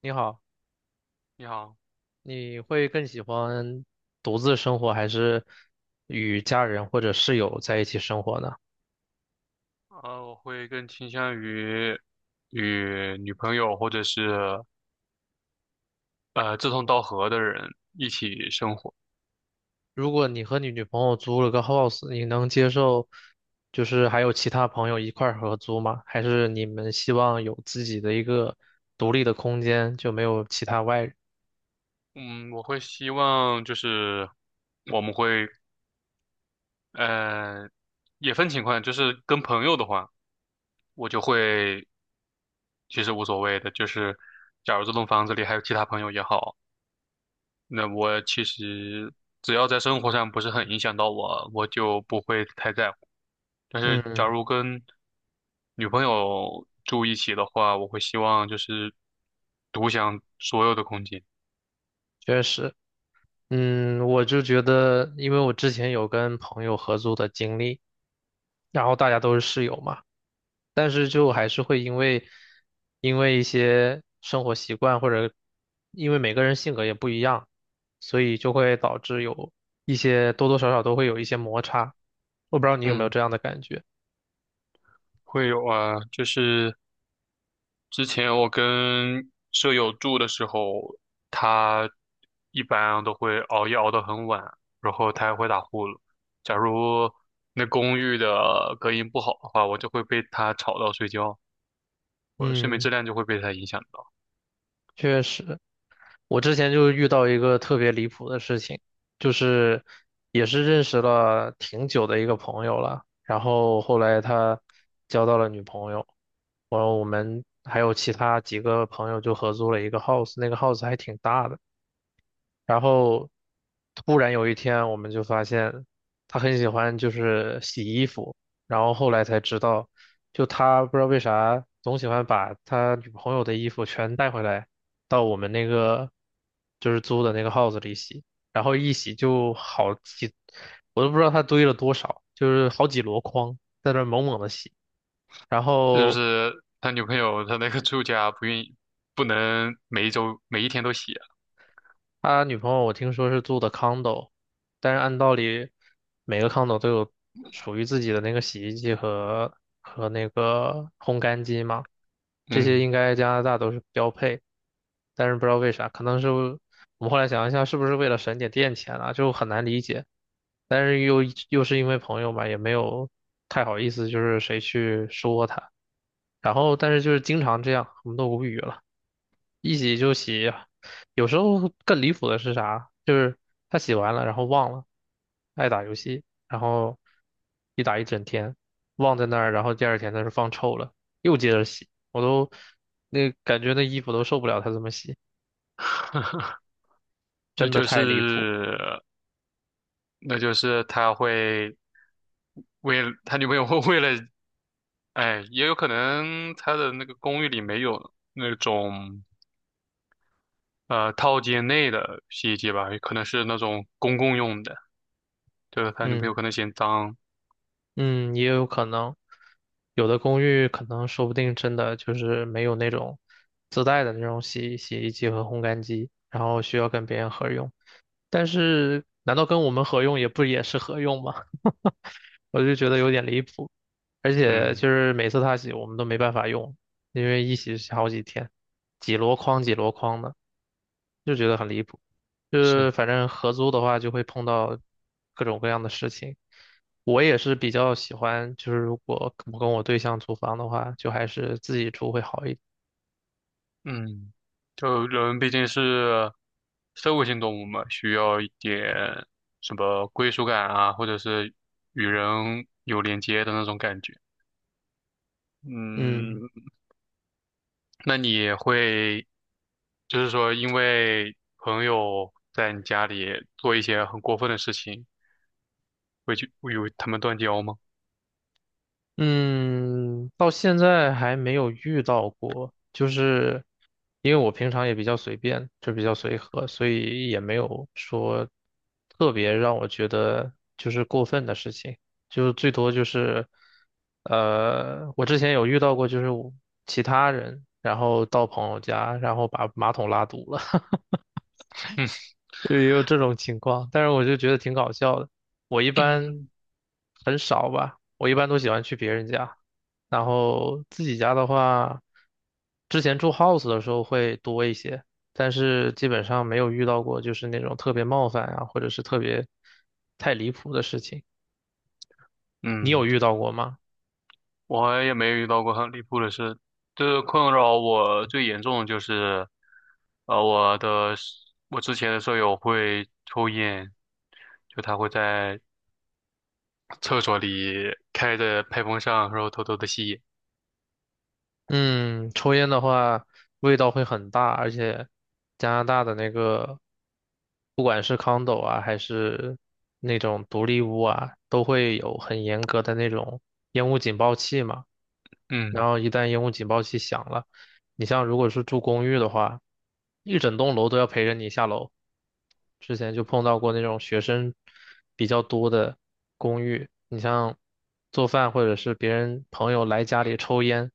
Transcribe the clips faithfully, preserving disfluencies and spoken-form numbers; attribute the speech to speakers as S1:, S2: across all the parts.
S1: 你好，
S2: 你好，
S1: 你会更喜欢独自生活还是与家人或者室友在一起生活呢？
S2: 呃，我会更倾向于与女朋友或者是呃志同道合的人一起生活。
S1: 如果你和你女朋友租了个 house，你能接受就是还有其他朋友一块儿合租吗？还是你们希望有自己的一个独立的空间，就没有其他外人？
S2: 嗯，我会希望就是我们会呃也分情况，就是跟朋友的话，我就会其实无所谓的，就是假如这栋房子里还有其他朋友也好，那我其实只要在生活上不是很影响到我，我就不会太在乎。但是假
S1: 嗯，
S2: 如跟女朋友住一起的话，我会希望就是独享所有的空间。
S1: 确实，嗯，我就觉得，因为我之前有跟朋友合租的经历，然后大家都是室友嘛。但是就还是会因为因为一些生活习惯或者因为每个人性格也不一样，所以就会导致有一些多多少少都会有一些摩擦。我不知道你有没有
S2: 嗯，
S1: 这样的感觉？
S2: 会有啊，就是之前我跟舍友住的时候，他一般都会熬夜熬到很晚，然后他还会打呼噜。假如那公寓的隔音不好的话，我就会被他吵到睡觉，我的睡眠质
S1: 嗯，
S2: 量就会被他影响到。
S1: 确实。我之前就遇到一个特别离谱的事情，就是也是认识了挺久的一个朋友了，然后后来他交到了女朋友，然后我们还有其他几个朋友就合租了一个 house，那个 house 还挺大的。然后突然有一天，我们就发现他很喜欢就是洗衣服，然后后来才知道，就他不知道为啥总喜欢把他女朋友的衣服全带回来到我们那个就是租的那个 house 里洗，然后一洗就好几，我都不知道他堆了多少，就是好几箩筐在那儿猛猛的洗，然
S2: 是不
S1: 后。
S2: 是他女朋友他那个住家不愿意，不能每一周每一天都洗啊
S1: 他女朋友我听说是住的 condo，但是按道理每个 condo 都有属于自己的那个洗衣机和和那个烘干机嘛，这些
S2: 嗯，
S1: 应该加拿大都是标配，但是不知道为啥，可能是我们后来想一下，是不是为了省点电钱啊，就很难理解，但是又又是因为朋友嘛，也没有太好意思，就是谁去说他，然后但是就是经常这样，我们都无语了。一洗就洗，有时候更离谱的是啥？就是他洗完了，然后忘了，爱打游戏，然后一打一整天，忘在那儿，然后第二天他是放臭了，又接着洗，我都那感觉那衣服都受不了他这么洗，
S2: 那
S1: 真的
S2: 就
S1: 太离谱。
S2: 是那就是他会为了他女朋友会为了，哎，也有可能他的那个公寓里没有那种呃套间内的洗衣机吧，也可能是那种公共用的，就是他女朋友
S1: 嗯
S2: 可能嫌脏，
S1: 嗯，也有可能，有的公寓可能说不定真的就是没有那种自带的那种洗洗衣机和烘干机，然后需要跟别人合用。但是难道跟我们合用也不也是合用吗？我就觉得有点离谱，而且
S2: 嗯，
S1: 就是每次他洗我们都没办法用，因为一洗是好几天，几箩筐几箩筐的，就觉得很离谱。就是
S2: 是。
S1: 反正合租的话就会碰到各种各样的事情。我也是比较喜欢，就是如果我跟我对象租房的话，就还是自己住会好一点。
S2: 嗯，就人毕竟是社会性动物嘛，需要一点什么归属感啊，或者是与人有连接的那种感觉。
S1: 嗯。
S2: 嗯，那你会就是说，因为朋友在你家里做一些很过分的事情，会去会与他们断交吗？
S1: 嗯，到现在还没有遇到过，就是因为我平常也比较随便，就比较随和，所以也没有说特别让我觉得就是过分的事情，就是最多就是，呃，我之前有遇到过，就是我其他人，然后到朋友家，然后把马桶拉堵了。也有这种情况，但是我就觉得挺搞笑的。我一般
S2: 嗯
S1: 很少吧，我一般都喜欢去别人家，然后自己家的话，之前住 house 的时候会多一些，但是基本上没有遇到过就是那种特别冒犯啊，或者是特别太离谱的事情。你有
S2: 嗯。
S1: 遇到过吗？
S2: 我也没遇到过很离谱的事，就是困扰我最严重的就是，呃，我的室我之前的舍友会抽烟，就他会在 厕所里开着排风扇，然后偷偷的吸烟。
S1: 嗯，抽烟的话味道会很大，而且加拿大的那个，不管是 condo 啊，还是那种独立屋啊，都会有很严格的那种烟雾警报器嘛。然
S2: 嗯，
S1: 后一旦烟雾警报器响了，你像如果是住公寓的话，一整栋楼都要陪着你下楼。之前就碰到过那种学生比较多的公寓，你像做饭或者是别人朋友来家里抽烟，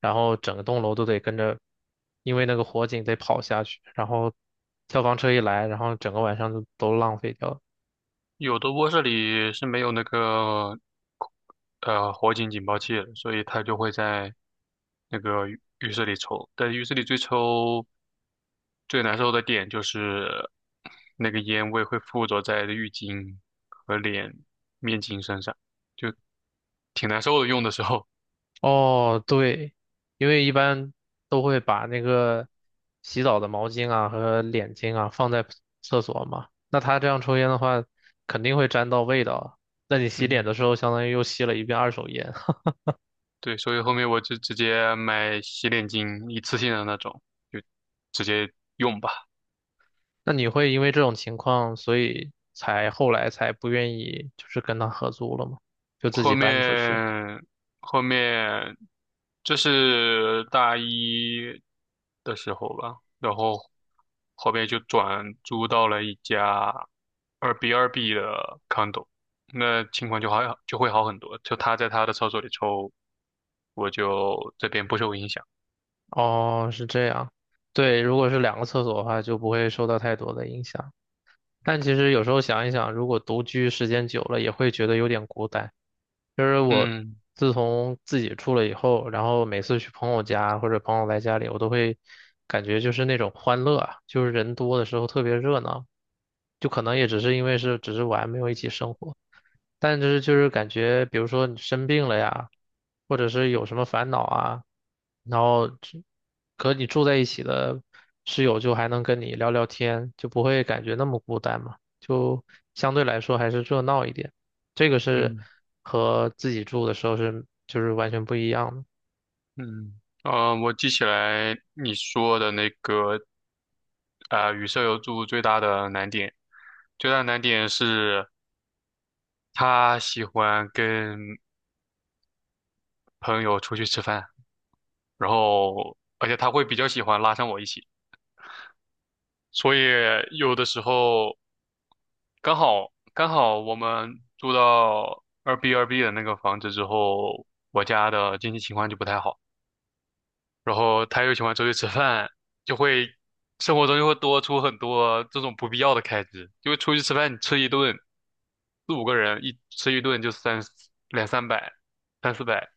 S1: 然后整栋楼都得跟着，因为那个火警得跑下去，然后消防车一来，然后整个晚上就都浪费掉了。
S2: 有的卧室里是没有那个呃火警警报器了所以它就会在那个浴浴室里抽。但浴室里最抽最难受的点就是那个烟味会附着在浴巾和脸面巾身上，就挺难受的。用的时候，
S1: 哦，对，因为一般都会把那个洗澡的毛巾啊和脸巾啊放在厕所嘛，那他这样抽烟的话，肯定会沾到味道。那你洗脸
S2: 嗯，
S1: 的时候，相当于又吸了一遍二手烟。
S2: 对，所以后面我就直接买洗脸巾，一次性的那种，就直接用吧。
S1: 那你会因为这种情况，所以才后来才不愿意就是跟他合租了吗？就自
S2: 后
S1: 己搬出去。
S2: 面后面这是大一的时候吧，然后后面就转租到了一家二 B 二 B 的 condo，那情况就好就会好很多，就他在他的厕所里抽，我就这边不受影响。
S1: 哦，是这样。对，如果是两个厕所的话，就不会受到太多的影响。但其实有时候想一想，如果独居时间久了，也会觉得有点孤单。就是我
S2: 嗯
S1: 自从自己住了以后，然后每次去朋友家或者朋友来家里，我都会感觉就是那种欢乐啊，就是人多的时候特别热闹，就可能也只是因为是只是玩，没有一起生活。但就是就是感觉，比如说你生病了呀，或者是有什么烦恼啊，然后只和你住在一起的室友就还能跟你聊聊天，就不会感觉那么孤单嘛，就相对来说还是热闹一点。这个是
S2: 嗯
S1: 和自己住的时候是就是完全不一样的。
S2: 嗯，呃，我记起来你说的那个，啊、与舍友住最大的难点，最大的难点是。他喜欢跟朋友出去吃饭，然后而且他会比较喜欢拉上我一起，所以有的时候刚好刚好我们住到二 B 二 B 的那个房子之后，我家的经济情况就不太好，然后他又喜欢出去吃饭，就会生活中就会多出很多这种不必要的开支，因为出去吃饭你吃一顿四五个人一吃一顿就三两三百三四百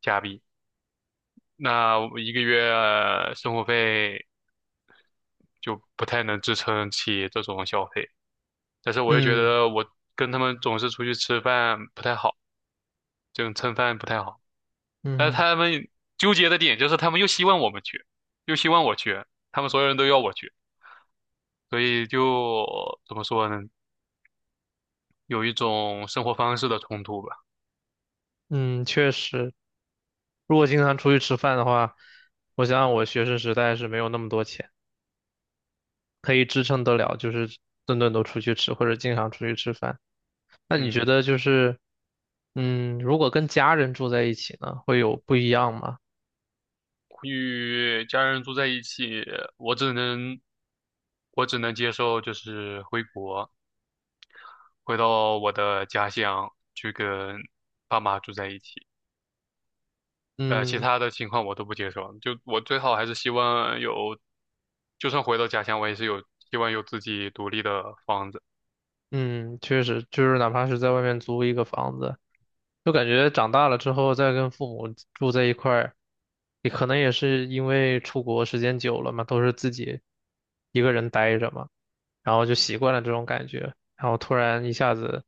S2: 加币。那我一个月呃生活费就不太能支撑起这种消费。但是我又觉
S1: 嗯
S2: 得我跟他们总是出去吃饭不太好，这种蹭饭不太好。但是
S1: 嗯
S2: 他们纠结的点就是他们又希望我们去，又希望我去，他们所有人都要我去，所以就怎么说呢，有一种生活方式的冲突吧。
S1: 嗯，确实，如果经常出去吃饭的话，我想想我学生时代是没有那么多钱。可以支撑得了，就是顿顿都出去吃，或者经常出去吃饭。那你觉
S2: 嗯，
S1: 得就是，嗯，如果跟家人住在一起呢，会有不一样吗？
S2: 与家人住在一起，我只能我只能接受就是回国。回到我的家乡去跟爸妈住在一起。呃，其
S1: 嗯
S2: 他的情况我都不接受，就我最好还是希望有，就算回到家乡，我也是有希望有自己独立的房子。
S1: 嗯，确实，就是哪怕是在外面租一个房子，就感觉长大了之后再跟父母住在一块儿，也可能也是因为出国时间久了嘛，都是自己一个人待着嘛。然后就习惯了这种感觉，然后突然一下子，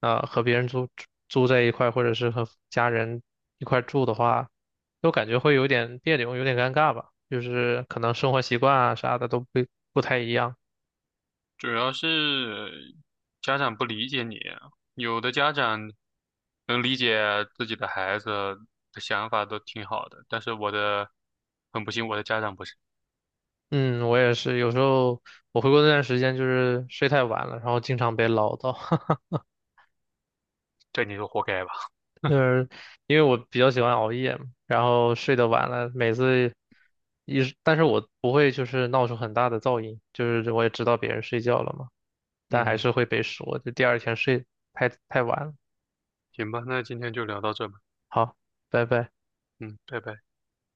S1: 呃，和别人住住在一块，或者是和家人一块住的话，就感觉会有点别扭，有点尴尬吧，就是可能生活习惯啊啥的都不不太一样。
S2: 主要是家长不理解你，有的家长能理解自己的孩子的想法都挺好的，但是我的很不幸，我的家长不是，
S1: 嗯，我也是，有时候我回国那段时间就是睡太晚了，然后经常被唠叨，
S2: 这你就活该吧。
S1: 就是因为我比较喜欢熬夜嘛，然后睡得晚了，每次一，但是我不会就是闹出很大的噪音，就是我也知道别人睡觉了嘛。但还
S2: 嗯，
S1: 是会被说，就第二天睡太太晚了。
S2: 行吧，那今天就聊到这吧。
S1: 好，拜拜。
S2: 嗯，拜拜。